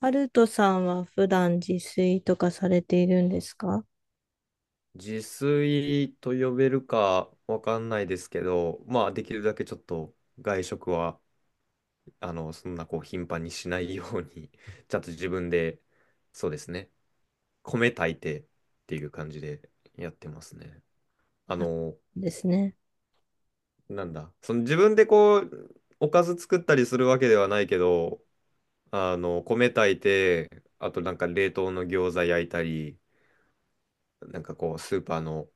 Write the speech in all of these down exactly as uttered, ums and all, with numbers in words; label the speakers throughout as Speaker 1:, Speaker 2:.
Speaker 1: ハルトさんは普段自炊とかされているんですか？
Speaker 2: 自炊と呼べるかわかんないですけど、まあできるだけちょっと外食は、あの、そんなこう頻繁にしないように、ちゃんと自分で、そうですね、米炊いてっていう感じでやってますね。あ
Speaker 1: あ
Speaker 2: の、
Speaker 1: ですね。
Speaker 2: なんだ、その自分でこう、おかず作ったりするわけではないけど、あの、米炊いて、あとなんか冷凍の餃子焼いたり、なんかこう、スーパーの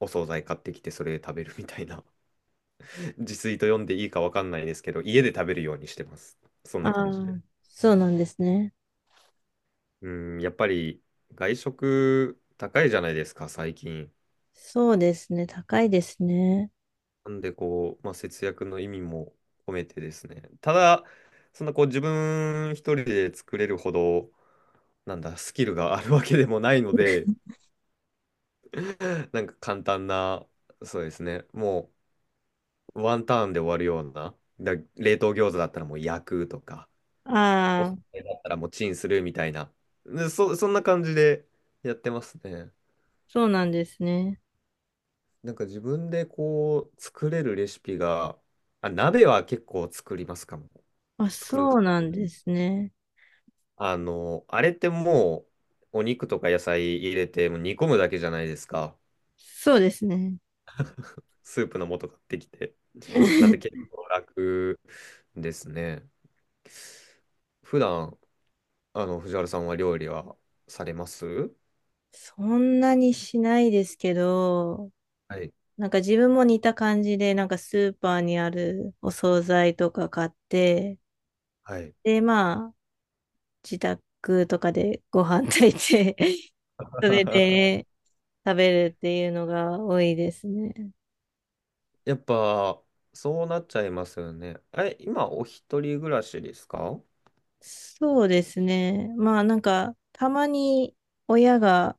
Speaker 2: お惣菜買ってきてそれで食べるみたいな。自炊と読んでいいかわかんないですけど、家で食べるようにしてます。そん
Speaker 1: あ
Speaker 2: な感じで。
Speaker 1: あ、そうなんですね。
Speaker 2: うん、やっぱり外食高いじゃないですか、最近。
Speaker 1: そうですね。高いですね。
Speaker 2: なんでこう、まあ、節約の意味も込めてですね。ただ、そんなこう自分一人で作れるほど、なんだ、スキルがあるわけでもないので、なんか簡単な、そうですね、もうワンターンで終わるような、だ冷凍餃子だったらもう焼くとか、おす
Speaker 1: ああ、
Speaker 2: すめだったらもうチンするみたいな。で、そ、そんな感じでやってますね。
Speaker 1: そうなんですね。
Speaker 2: なんか自分でこう作れるレシピが、あ、鍋は結構作りますかも。
Speaker 1: あ、
Speaker 2: 作る
Speaker 1: そ
Speaker 2: か
Speaker 1: うな
Speaker 2: も
Speaker 1: ん
Speaker 2: ね。
Speaker 1: ですね。
Speaker 2: あの、あれってもうお肉とか野菜入れてもう煮込むだけじゃないですか。
Speaker 1: そうですね。
Speaker 2: スープの素買ってきて。なんで結 構楽ですね。普段、あの、藤原さんは料理はされます
Speaker 1: そんなにしないですけど、
Speaker 2: はい。
Speaker 1: なんか自分も似た感じで、なんかスーパーにあるお惣菜とか買って、
Speaker 2: はい。
Speaker 1: で、まあ、自宅とかでご飯炊いて、それ で食べるっていうのが多いですね。
Speaker 2: やっぱ、そうなっちゃいますよね。え、今、お一人暮らしですか？
Speaker 1: そうですね。まあなんか、たまに親が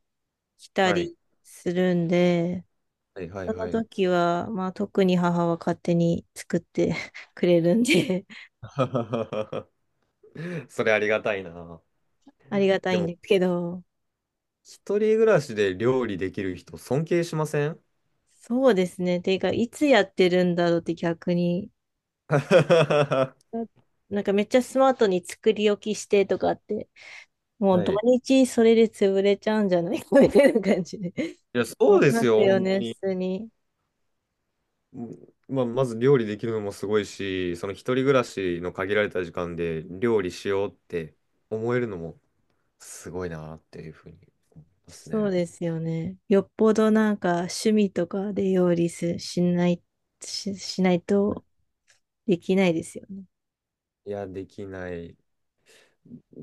Speaker 1: 来た
Speaker 2: はい。
Speaker 1: りするんで、
Speaker 2: はいはい
Speaker 1: その
Speaker 2: はい。
Speaker 1: 時は、まあ特に母は勝手に作って くれるんで、
Speaker 2: それありがたいな。
Speaker 1: ありがた
Speaker 2: で
Speaker 1: いん
Speaker 2: も、
Speaker 1: ですけど、
Speaker 2: 一人暮らしで料理できる人、尊敬しません？
Speaker 1: そうですね。ていうか、いつやってるんだろうって逆に、
Speaker 2: は
Speaker 1: ななんかめっちゃスマートに作り置きしてとかって、もう土
Speaker 2: い。い
Speaker 1: 日それで潰れちゃうんじゃないかみたいな感じで。
Speaker 2: や、
Speaker 1: 思
Speaker 2: そ
Speaker 1: い
Speaker 2: うで
Speaker 1: ま
Speaker 2: す
Speaker 1: す
Speaker 2: よ。ほ
Speaker 1: よ
Speaker 2: ん
Speaker 1: ね、普通に。
Speaker 2: まあ、まず料理できるのもすごいし、その一人暮らしの限られた時間で料理しようって思えるのもすごいなっていうふうに思います
Speaker 1: そう
Speaker 2: ね。
Speaker 1: ですよね。よっぽどなんか趣味とかで料理すしない、し、しないとできないですよね。
Speaker 2: いや、できない。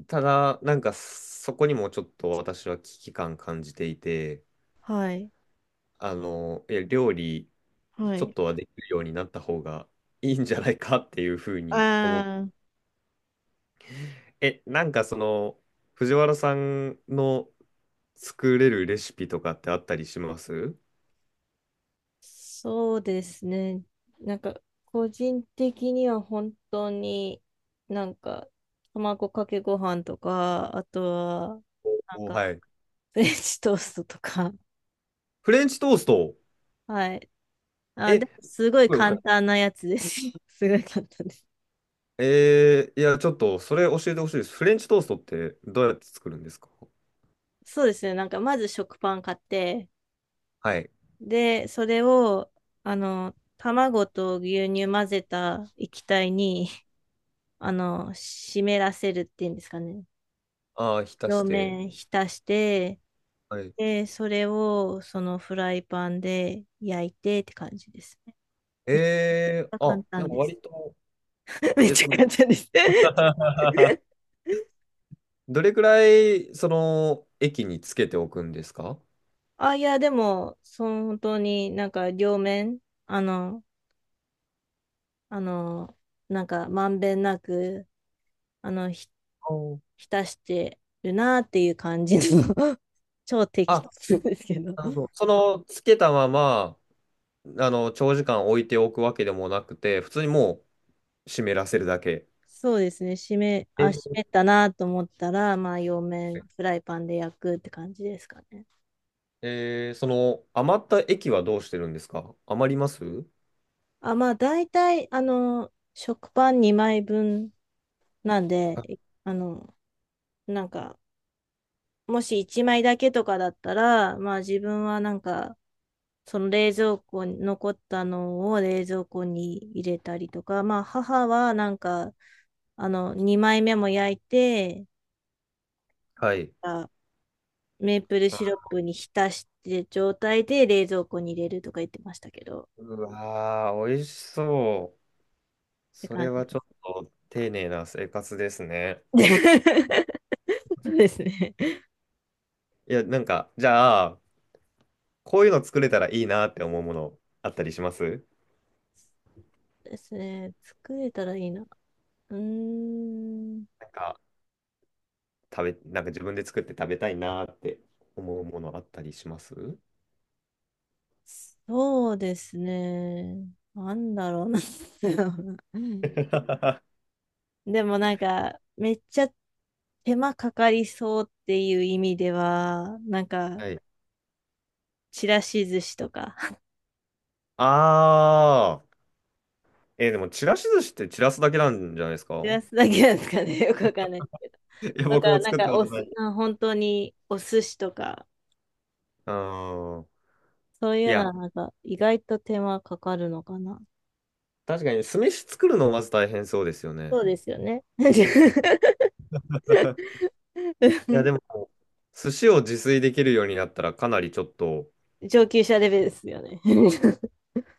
Speaker 2: ただ、なんかそこにもちょっと私は危機感感じていて、
Speaker 1: はい。
Speaker 2: あの、いや、料理
Speaker 1: は
Speaker 2: ちょっ
Speaker 1: い。
Speaker 2: とはできるようになった方がいいんじゃないかっていうふうに思って、
Speaker 1: ああ、
Speaker 2: え、なんかその、藤原さんの作れるレシピとかってあったりします？
Speaker 1: そうですね。なんか個人的には本当になんか卵かけご飯とか、あとはなん
Speaker 2: お、お
Speaker 1: か
Speaker 2: はい。
Speaker 1: フレンチトーストとか。
Speaker 2: フレンチトースト。
Speaker 1: はい。あ、
Speaker 2: え、
Speaker 1: でも
Speaker 2: す
Speaker 1: すごい
Speaker 2: ごいおしゃ
Speaker 1: 簡
Speaker 2: れ。
Speaker 1: 単なやつです。すごい簡単です。
Speaker 2: えー、いや、ちょっとそれ教えてほしいです。フレンチトーストってどうやって作るんですか？
Speaker 1: そうですね。なんかまず食パン買って、
Speaker 2: はい。
Speaker 1: で、それを、あの、卵と牛乳混ぜた液体に、あの、湿らせるっていうんですかね。
Speaker 2: ああ、浸し
Speaker 1: 両
Speaker 2: て。
Speaker 1: 面浸して、
Speaker 2: はい
Speaker 1: で、それを、そのフライパンで焼いてって感じですね。
Speaker 2: え
Speaker 1: めっち
Speaker 2: え
Speaker 1: ゃ
Speaker 2: あ、
Speaker 1: 簡
Speaker 2: で
Speaker 1: 単
Speaker 2: も
Speaker 1: です。
Speaker 2: 割と、
Speaker 1: めっ
Speaker 2: え、
Speaker 1: ち
Speaker 2: そ
Speaker 1: ゃ
Speaker 2: の、
Speaker 1: 簡単です。
Speaker 2: どれくらい、その、液につけておくんですか？
Speaker 1: あ、いや、でも、その本当になんか両面、あの、あの、なんかまんべんなくあの、ひ、
Speaker 2: お
Speaker 1: 浸してるなっていう感じの 超適
Speaker 2: あ、
Speaker 1: 当ですけど。
Speaker 2: なるほど。その、つけたまま、あの、長時間置いておくわけでもなくて、普通にもう湿らせるだけ。
Speaker 1: そうですね。締め、
Speaker 2: え
Speaker 1: あ、締
Speaker 2: ー
Speaker 1: めたなと思ったら、まあ、両面フライパンで焼くって感じですかね。
Speaker 2: えーその、余った液はどうしてるんですか？余ります？
Speaker 1: あ、まあ、大体、あの、食パンにまいぶんなん
Speaker 2: あ
Speaker 1: で、あの、なんか、もしいちまいだけとかだったら、まあ自分はなんか、その冷蔵庫に残ったのを冷蔵庫に入れたりとか、まあ母はなんか、あの、にまいめも焼いて、
Speaker 2: はい。
Speaker 1: あメープルシロップに浸して状態で冷蔵庫に入れるとか言ってましたけど、っ
Speaker 2: うわー、美味しそう。
Speaker 1: て
Speaker 2: そ
Speaker 1: 感
Speaker 2: れ
Speaker 1: じ
Speaker 2: はちょっと丁寧な生活です
Speaker 1: です。
Speaker 2: ね。
Speaker 1: そうですね。
Speaker 2: いや、なんか、じゃあ、こういうの作れたらいいなって思うものあったりします？
Speaker 1: ですね。作れたらいいな。うーん、
Speaker 2: なんか食べ、なんか自分で作って食べたいなって思うものあったりします？
Speaker 1: そうですね。なんだろうな。
Speaker 2: は
Speaker 1: でもなんか、めっちゃ手間かかりそうっていう意味では、なんか、
Speaker 2: い。
Speaker 1: ちらし寿司とか、
Speaker 2: あー、えーでもちらし寿司って散らすだけなんじゃないですか？
Speaker 1: ちらすだけなんですかね、よくわかんないですけど。
Speaker 2: いや、
Speaker 1: と
Speaker 2: 僕
Speaker 1: か、
Speaker 2: も
Speaker 1: なん
Speaker 2: 作った
Speaker 1: か
Speaker 2: こ
Speaker 1: お
Speaker 2: とな
Speaker 1: す、
Speaker 2: い。
Speaker 1: な本当にお寿司とか、
Speaker 2: あー
Speaker 1: そうい
Speaker 2: い
Speaker 1: うのは
Speaker 2: や、
Speaker 1: なんか、意外と手間かかるのかな。
Speaker 2: 確かに酢飯作るのまず大変そうですよね。
Speaker 1: そうですよね。
Speaker 2: うん いや、でも、寿司を自炊できるようになったらかなりちょっと、
Speaker 1: 上級者レベルですよね。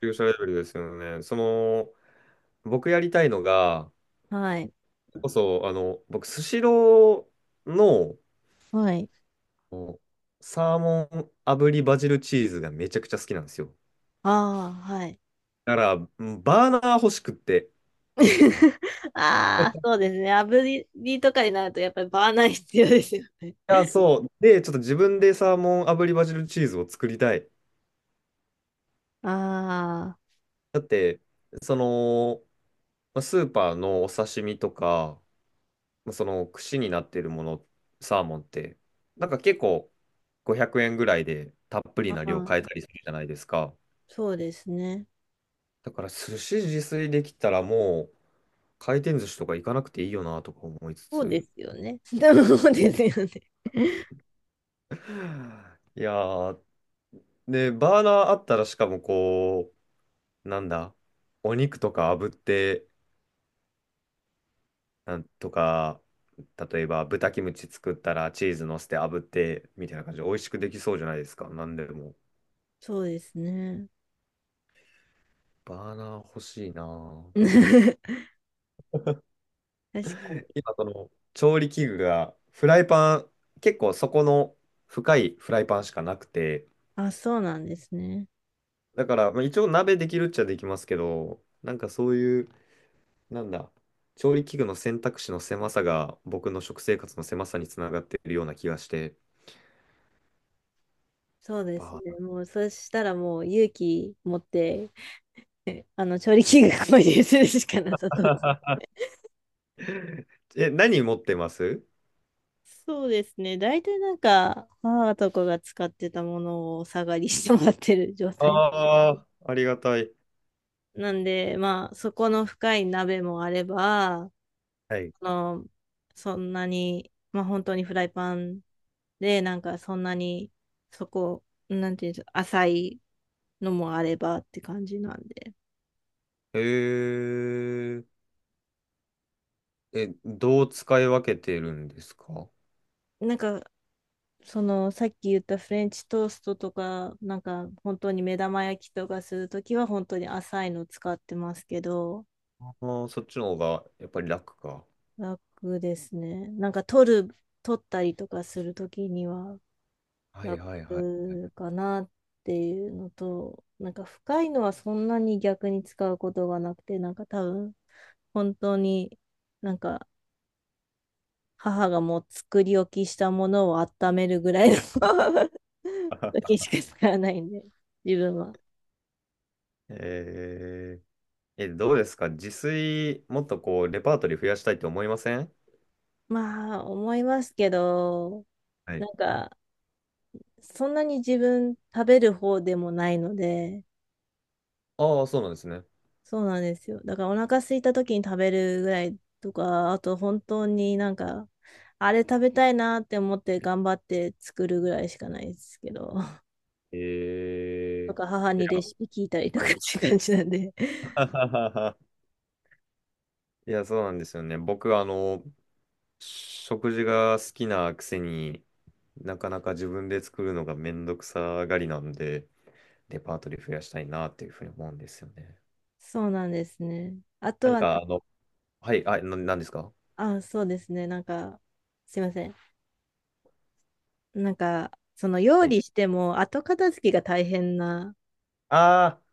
Speaker 2: 急所レベルですよね。その、僕やりたいのが、
Speaker 1: はい。
Speaker 2: こそ、あの、僕、スシローの
Speaker 1: はい。
Speaker 2: こうサーモン炙りバジルチーズがめちゃくちゃ好きなんですよ。
Speaker 1: ああ、はい。
Speaker 2: だから、うんバーナー欲しくって。
Speaker 1: ああ、そうですね。炙りとかになると、やっぱりバーナー必要ですよね。
Speaker 2: いや、そう。で、ちょっと自分でサーモン炙りバジルチーズを作りたい。
Speaker 1: あ
Speaker 2: だって、その、まあスーパーのお刺身とか、まあその串になってるもの、サーモンって、なんか結構ごひゃくえんぐらいでたっぷり
Speaker 1: ーあ
Speaker 2: な量買え
Speaker 1: ー、
Speaker 2: たりするじゃないですか。
Speaker 1: そうですね。
Speaker 2: だから寿司自炊できたらもう、回転寿司とか行かなくていいよなとか思いつ
Speaker 1: そうで
Speaker 2: つ。
Speaker 1: すよね。そうですよね。
Speaker 2: いやー、で、バーナーあったらしかもこう、なんだ、お肉とか炙って、なんとか、例えば豚キムチ作ったらチーズ乗せて炙って、みたいな感じで美味しくできそうじゃないですか。なんでも。
Speaker 1: そうですね。
Speaker 2: バーナー欲しいなぁ
Speaker 1: 確かに。
Speaker 2: 今その調理器具がフライパン、結構そこの深いフライパンしかなくて、
Speaker 1: あ、そうなんですね。
Speaker 2: だから、まあ、一応鍋できるっちゃできますけど、なんかそういうなんだ、調理器具の選択肢の狭さが僕の食生活の狭さにつながっているような気がして、
Speaker 1: そうですね。
Speaker 2: バ
Speaker 1: もう、そしたらもう勇気持って、あの、調理器具購入するしかなさそうです。
Speaker 2: ー え、何持ってます？
Speaker 1: そうですね。大体なんか、母とかが使ってたものをお下がりしてもらってる状態。
Speaker 2: ああー、ありがたい。
Speaker 1: なんで、まあ、そこの深い鍋もあれば、あ
Speaker 2: はい。
Speaker 1: の、そんなに、まあ、本当にフライパンで、なんかそんなに、そこ、なんていうんですか、浅いのもあればって感じなんで。
Speaker 2: えー、え、どう使い分けてるんですか？
Speaker 1: なんか、その、さっき言ったフレンチトーストとか、なんか、本当に目玉焼きとかするときは、本当に浅いの使ってますけど、
Speaker 2: あー、そっちの方がやっぱり楽か。
Speaker 1: 楽ですね。なんか、取る、取ったりとかするときには、
Speaker 2: はいはいはいはい。
Speaker 1: 楽かなっていうのと、なんか深いのはそんなに逆に使うことがなくて、なんか多分本当になんか母がもう作り置きしたものを温めるぐらいの 時しか使わないんで、自分は。
Speaker 2: えー、え、どうですか自炊、もっとこう、レパートリー増やしたいと思いません？
Speaker 1: まあ思いますけど、
Speaker 2: はい。
Speaker 1: なんかそんなに自分食べる方でもないので、
Speaker 2: ああそうなんですね。
Speaker 1: そうなんですよ。だからお腹空いた時に食べるぐらいとか、あと本当になんか、あれ食べたいなって思って頑張って作るぐらいしかないですけど、と
Speaker 2: え
Speaker 1: か母
Speaker 2: ー、い
Speaker 1: にレ
Speaker 2: や、
Speaker 1: シピ聞いたりとか
Speaker 2: は
Speaker 1: って
Speaker 2: い。
Speaker 1: いう感じなんで。
Speaker 2: いや、そうなんですよね。僕、あの、食事が好きなくせになかなか自分で作るのがめんどくさがりなんで、レパートリー増やしたいなっていうふうに思うんですよね。
Speaker 1: そうなんですね。あと
Speaker 2: なん
Speaker 1: はな
Speaker 2: か、あの、はい、あ、な、なんですか？
Speaker 1: あ、そうですね。なんか、すいません。なんか、その料
Speaker 2: はい。
Speaker 1: 理しても後片付けが大変な。
Speaker 2: ああ、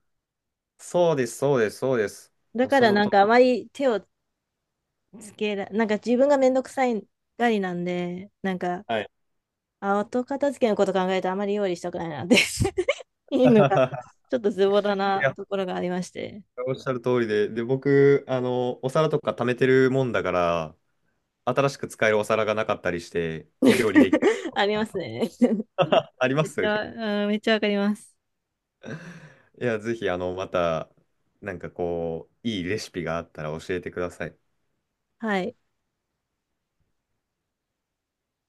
Speaker 2: そうです、そうです、そうです。
Speaker 1: だ
Speaker 2: もう
Speaker 1: か
Speaker 2: そ
Speaker 1: ら
Speaker 2: の
Speaker 1: なん
Speaker 2: と、
Speaker 1: かあまり手をつけら、なんか自分がめんどくさいがりなんで、なんか、
Speaker 2: はい。
Speaker 1: あ、後片付けのこと考えてあまり料理したくないなって いうのが、ちょっとズボラ
Speaker 2: い
Speaker 1: な
Speaker 2: や、
Speaker 1: ところがありまして。
Speaker 2: おっしゃる通りで、で、僕、あの、お皿とか貯めてるもんだから、新しく使えるお皿がなかったりして、料理できない。
Speaker 1: ありますね。
Speaker 2: あり ま
Speaker 1: めっち
Speaker 2: す？
Speaker 1: ゃ、うん、めっちゃわかります。
Speaker 2: いや、ぜひ、あの、また、なんかこう、いいレシピがあったら教えてください。
Speaker 1: はい。